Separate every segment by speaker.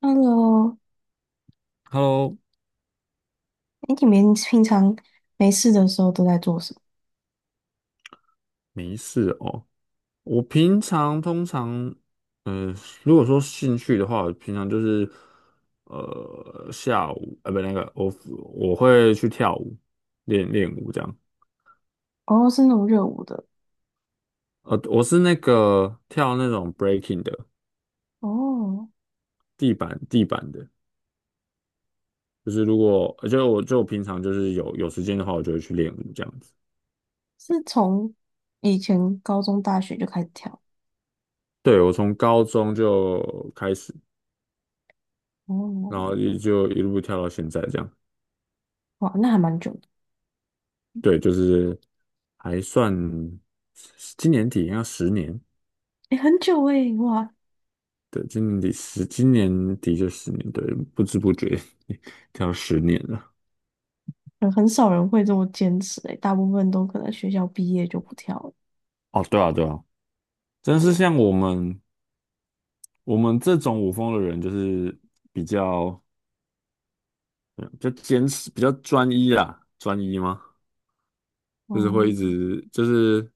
Speaker 1: Hello，
Speaker 2: Hello，
Speaker 1: 哎，你们平常没事的时候都在做什么？
Speaker 2: 没事哦。我平常通常，呃，如果说兴趣的话，我平常就是，呃，下午，呃，不，那个，我会去跳舞，练练舞这样。
Speaker 1: 哦，是那种热舞的，
Speaker 2: 我是那个跳那种 breaking 的，
Speaker 1: 哦，
Speaker 2: 地板的，就是如果，呃就我平常就是有时间的话，我就会去练舞这样子。
Speaker 1: 是从以前高中、大学就开始跳，
Speaker 2: 对，我从高中就开始，然
Speaker 1: 哦，
Speaker 2: 后也就一路跳到现在这样。
Speaker 1: 哇，那还蛮久的，
Speaker 2: 对，就是还算今年底要十年，
Speaker 1: 哎，很久哎，哇，
Speaker 2: 对，今年底十，今年底就十年，对，不知不觉 要十年了。
Speaker 1: 很少人会这么坚持哎，大部分都可能学校毕业就不跳了，
Speaker 2: 哦，对啊，对啊，真是像我们这种舞风的人，就是比较嗯比较坚持，比较专一啦，专一吗？就是会
Speaker 1: 哦，
Speaker 2: 一直就是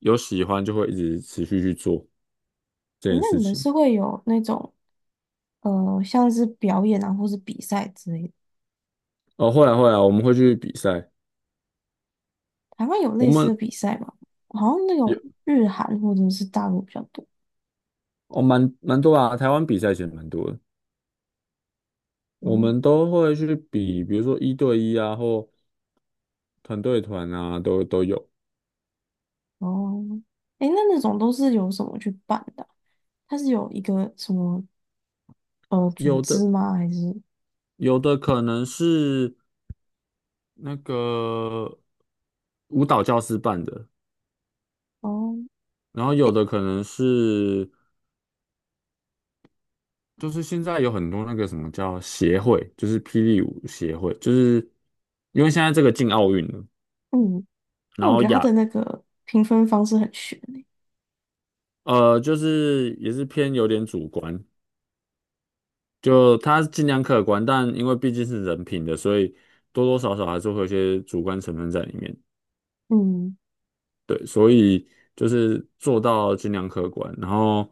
Speaker 2: 有喜欢就会一直持续去做这
Speaker 1: 哎，
Speaker 2: 件
Speaker 1: 那
Speaker 2: 事
Speaker 1: 你们
Speaker 2: 情。
Speaker 1: 是会有那种像是表演啊，或是比赛之类的？
Speaker 2: 哦，会啊会啊，我们会去比赛，
Speaker 1: 台湾有
Speaker 2: 我
Speaker 1: 类似
Speaker 2: 们
Speaker 1: 的比赛吗？好像那种
Speaker 2: 有
Speaker 1: 日韩或者是大陆比较多，
Speaker 2: 哦蛮多啊，台湾比赛其实蛮多的。我
Speaker 1: 哦。
Speaker 2: 们都会去比，比如说一对一啊，或团队团啊，都有。
Speaker 1: 哦，哎，那那种都是由什么去办的啊？它是有一个什么组
Speaker 2: 有的
Speaker 1: 织吗？还是
Speaker 2: 有的可能是那个舞蹈教师办的，
Speaker 1: 哦，
Speaker 2: 然后有
Speaker 1: 诶，
Speaker 2: 的可能是就是现在有很多那个什么叫协会，就是霹雳舞协会，就是因为现在这个进奥运了，
Speaker 1: 嗯，那
Speaker 2: 然
Speaker 1: 我
Speaker 2: 后
Speaker 1: 觉得它的那个评分方式很悬诶。
Speaker 2: 就是也是偏有点主观，就它尽量客观，但因为毕竟是人品的，所以多多少少还是会有一些主观成分在里面。
Speaker 1: 嗯
Speaker 2: 对，所以就是做到军量可观。然后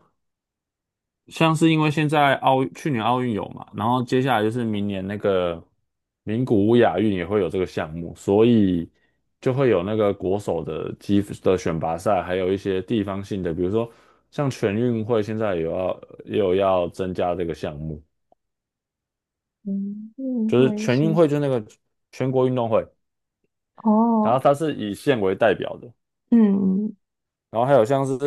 Speaker 2: 像是因为现在去年奥运有嘛，然后接下来就是明年那个名古屋亚运也会有这个项目，所以就会有那个国手的积的选拔赛，还有一些地方性的，比如说像全运会现在也要也有要增加这个项目，
Speaker 1: 嗯，嗯，
Speaker 2: 就是
Speaker 1: 会
Speaker 2: 全运
Speaker 1: 是
Speaker 2: 会就是那个全国运动会，然后
Speaker 1: 哦，
Speaker 2: 它是以县为代表的。
Speaker 1: 嗯
Speaker 2: 然后还有像是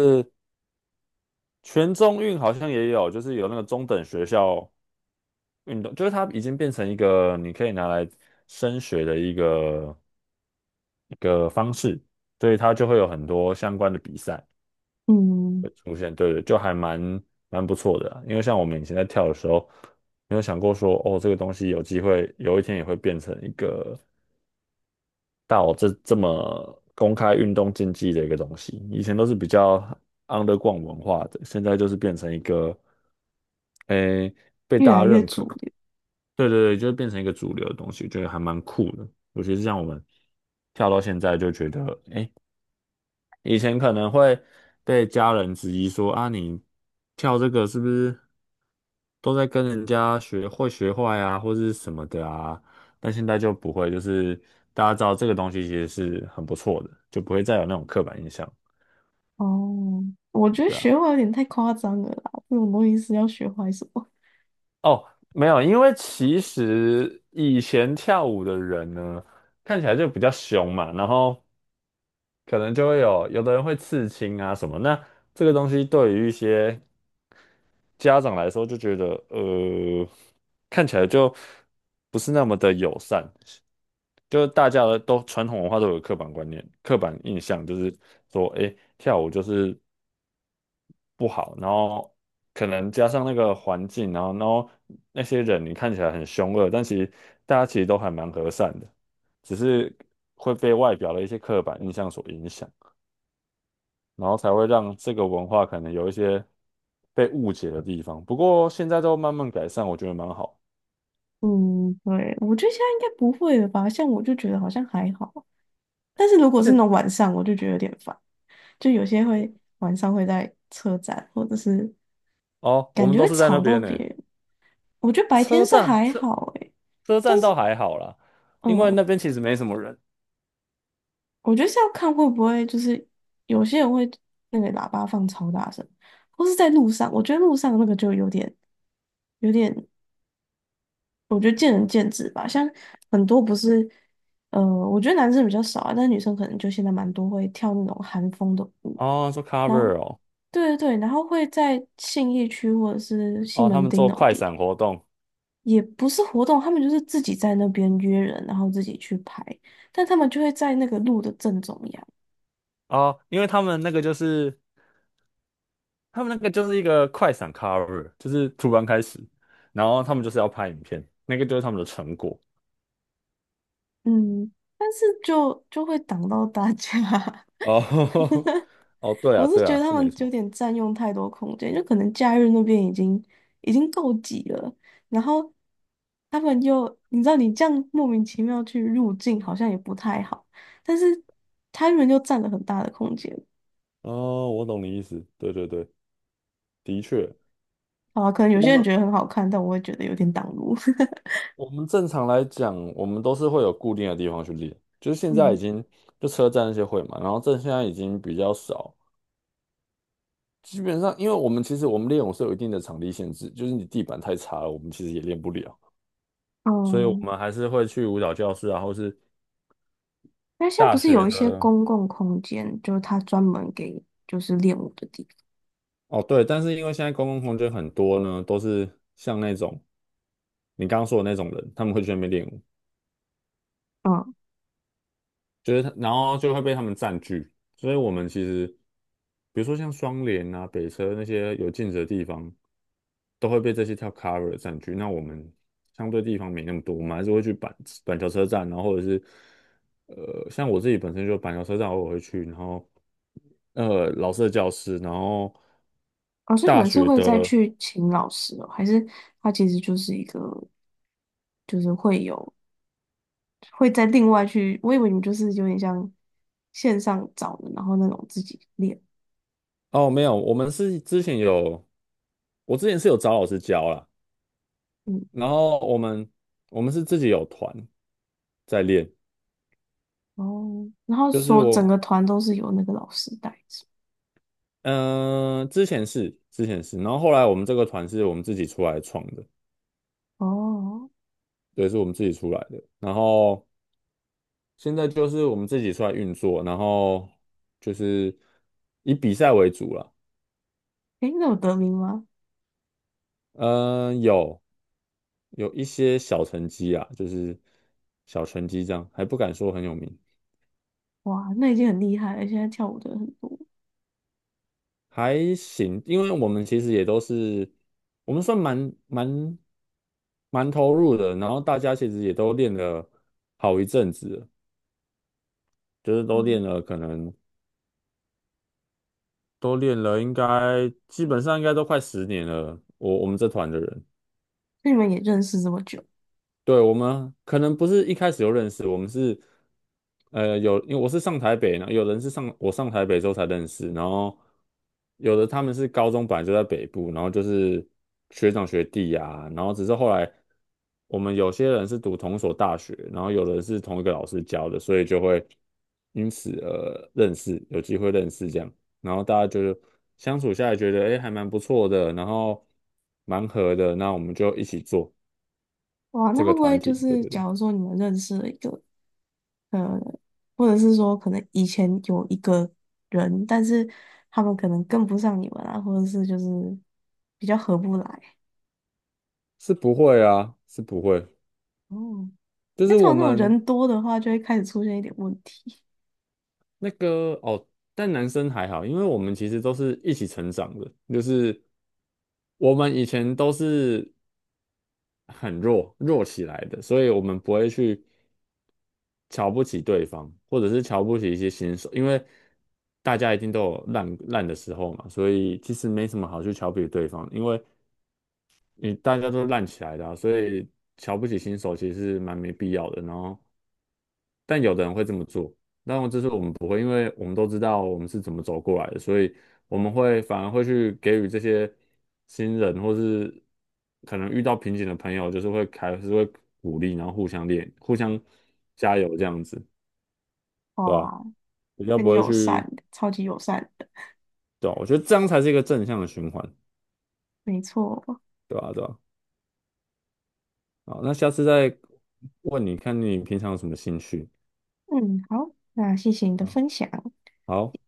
Speaker 2: 全中运好像也有，就是有那个中等学校运动，就是它已经变成一个你可以拿来升学的一个方式，所以它就会有很多相关的比赛
Speaker 1: 嗯，
Speaker 2: 会出现，对对，就还蛮不错的啊因为像我们以前在跳的时候，没有想过说哦，这个东西有机会有一天也会变成一个到这么公开运动竞技的一个东西，以前都是比较 underground 文化的，现在就是变成一个。诶、
Speaker 1: 越来越主流
Speaker 2: 对对对，就会变成一个主流的东西，觉得还蛮酷的。尤其是像我们跳到现在，就觉得，哎，以前可能会被家人质疑说啊，你跳这个是不是都在跟人家学会学坏啊，或是什么的啊？但现在就不会，就是大家知道这个东西其实是很不错的，就不会再有那种刻板印象。
Speaker 1: 哦。我觉得
Speaker 2: 对啊，
Speaker 1: 学坏有点太夸张了啦，这种东西是要学坏什么？
Speaker 2: 哦，没有，因为其实以前跳舞的人呢，看起来就比较凶嘛，然后。可能就会有的人会刺青啊什么。那这个东西对于一些家长来说，就觉得看起来就不是那么的友善。就是大家的都传统文化都有刻板观念、刻板印象，就是说，哎，跳舞就是不好，然后可能加上那个环境，然后那些人你看起来很凶恶，但其实大家其实都还蛮和善的，只是会被外表的一些刻板印象所影响。然后才会让这个文化可能有一些被误解的地方。不过现在都慢慢改善，我觉得蛮好。
Speaker 1: 嗯，对，我觉得现在应该不会了吧？像我就觉得好像还好啊，但是如果是那
Speaker 2: 现
Speaker 1: 种晚上，我就觉得有点烦。就有些会晚上会在车站，或者是
Speaker 2: 哦，我
Speaker 1: 感
Speaker 2: 们
Speaker 1: 觉
Speaker 2: 都
Speaker 1: 会
Speaker 2: 是在那
Speaker 1: 吵到
Speaker 2: 边
Speaker 1: 别
Speaker 2: 呢，
Speaker 1: 人。我觉得白天
Speaker 2: 车
Speaker 1: 是
Speaker 2: 站
Speaker 1: 还
Speaker 2: 车
Speaker 1: 好诶，
Speaker 2: 车
Speaker 1: 但
Speaker 2: 站倒
Speaker 1: 是
Speaker 2: 还好啦，因为
Speaker 1: 嗯，
Speaker 2: 那边其实没什么人。
Speaker 1: 我觉得是要看会不会就是有些人会那个喇叭放超大声，或是在路上，我觉得路上那个就有点有点。我觉得见仁见智吧，像很多不是，我觉得男生比较少啊，但是女生可能就现在蛮多会跳那种韩风的舞，
Speaker 2: 哦，做
Speaker 1: 然后，
Speaker 2: cover 哦，
Speaker 1: 对对对，然后会在信义区或者是西
Speaker 2: 哦，他
Speaker 1: 门
Speaker 2: 们
Speaker 1: 町
Speaker 2: 做
Speaker 1: 那种
Speaker 2: 快
Speaker 1: 地方，
Speaker 2: 闪活动
Speaker 1: 也不是活动，他们就是自己在那边约人，然后自己去拍，但他们就会在那个路的正中央，
Speaker 2: 哦，因为他们那个就是一个快闪 cover，就是突然开始，然后他们就是要拍影片，那个就是他们的成果。
Speaker 1: 嗯，但是就会挡到大家，
Speaker 2: 哦，哦，对
Speaker 1: 我
Speaker 2: 啊，
Speaker 1: 是
Speaker 2: 对
Speaker 1: 觉得
Speaker 2: 啊，
Speaker 1: 他
Speaker 2: 是没
Speaker 1: 们有
Speaker 2: 错。
Speaker 1: 点占用太多空间，就可能假日那边已经已经够挤了，然后他们又你知道你这样莫名其妙去入境好像也不太好，但是他们又占了很大的空间。
Speaker 2: 哦，我懂你意思。对对对，的确，
Speaker 1: 好啊，可能有
Speaker 2: 我
Speaker 1: 些人
Speaker 2: 们
Speaker 1: 觉得很好看，但我也觉得有点挡路。
Speaker 2: 我们正常来讲，我们都是会有固定的地方去练，就是现在已
Speaker 1: 嗯
Speaker 2: 经就车站那些会嘛，然后这现在已经比较少。基本上，因为我们练舞是有一定的场地限制，就是你地板太差了，我们其实也练不了，所以我
Speaker 1: 嗯，
Speaker 2: 们还是会去舞蹈教室啊，或是
Speaker 1: 那现在不
Speaker 2: 大
Speaker 1: 是
Speaker 2: 学
Speaker 1: 有一些
Speaker 2: 的。
Speaker 1: 公共空间，就是他专门给就是练舞的地
Speaker 2: 哦，对，但是因为现在公共空间很多呢，都是像那种你刚刚说的那种人，他们会去那边练舞。
Speaker 1: 方。
Speaker 2: 就是他，然后就会被他们占据。所以我们其实，比如说像双联啊、北车那些有镜子的地方，都会被这些跳 cover 占据。那我们相对地方没那么多，我们还是会去板桥车站，然后或者是像我自己本身就板桥车站偶尔会去，然后老师的教室，然后
Speaker 1: 老师你
Speaker 2: 大
Speaker 1: 们是
Speaker 2: 学
Speaker 1: 会再
Speaker 2: 的
Speaker 1: 去请老师哦，还是他其实就是一个，就是会有会再另外去，我以为你们就是有点像线上找的，然后那种自己练，
Speaker 2: 哦没有，我们是之前有，我之前是有找老师教啦，
Speaker 1: 嗯，
Speaker 2: 然后我们是自己有团在练。
Speaker 1: 哦，然后
Speaker 2: 就是
Speaker 1: 说整
Speaker 2: 我，
Speaker 1: 个团都是由那个老师带着，
Speaker 2: 嗯、之前是，然后后来我们这个团是我们自己出来创的，
Speaker 1: 哦，
Speaker 2: 对，是我们自己出来的。然后现在就是我们自己出来运作，然后就是以比赛为主了。
Speaker 1: 诶，那有得名吗？
Speaker 2: 嗯、有有一些小成绩啊，就是小成绩这样，还不敢说很有名，
Speaker 1: 哇，那已经很厉害了，现在跳舞的人很多，
Speaker 2: 还行，因为我们其实也都是我们算蛮投入的，然后大家其实也都练了好一阵子了就是都练
Speaker 1: 嗯，
Speaker 2: 了，可能都练了，应该基本上应该都快十年了。我们这团的人，
Speaker 1: 那你们也认识这么久，
Speaker 2: 对，我们可能不是一开始就认识，我们是因为我是上台北，呢，有人是上台北之后才认识，然后有的他们是高中本来就在北部，然后就是学长学弟啊，然后只是后来我们有些人是读同一所大学，然后有人是同一个老师教的，所以就会因此认识，有机会认识这样，然后大家就是相处下来觉得哎还蛮不错的，然后蛮合的，那我们就一起做
Speaker 1: 哇，那
Speaker 2: 这
Speaker 1: 会
Speaker 2: 个
Speaker 1: 不会
Speaker 2: 团
Speaker 1: 就
Speaker 2: 体，对
Speaker 1: 是
Speaker 2: 对对，
Speaker 1: 假如说你们认识了一个？呃，或者是说可能以前有一个人，但是他们可能跟不上你们啊，或者是就是比较合不来。
Speaker 2: 是不会啊，是不会。
Speaker 1: 哦，
Speaker 2: 就
Speaker 1: 因
Speaker 2: 是
Speaker 1: 为通
Speaker 2: 我
Speaker 1: 常那种
Speaker 2: 们
Speaker 1: 人多的话，就会开始出现一点问题。
Speaker 2: 那个哦，但男生还好，因为我们其实都是一起成长的，就是我们以前都是很弱弱起来的，所以我们不会去瞧不起对方，或者是瞧不起一些新手，因为大家一定都有烂烂的时候嘛，所以其实没什么好去瞧不起对方，因为你大家都烂起来的啊所以瞧不起新手其实是蛮没必要的。然后，但有的人会这么做，但我这是我们不会，因为我们都知道我们是怎么走过来的，所以我们会反而会去给予这些新人或是可能遇到瓶颈的朋友，就是还是会鼓励，然后互相练、互相加油这样子，对吧？
Speaker 1: 哇，
Speaker 2: 比较
Speaker 1: 很
Speaker 2: 不会
Speaker 1: 友善
Speaker 2: 去，
Speaker 1: 的，超级友善的，
Speaker 2: 对吧？我觉得这样才是一个正向的循环，
Speaker 1: 没错。
Speaker 2: 对吧？对吧？好，那下次再问你看你平常有什么兴趣。
Speaker 1: 嗯，好，那谢谢你的
Speaker 2: 啊，
Speaker 1: 分享。
Speaker 2: 好。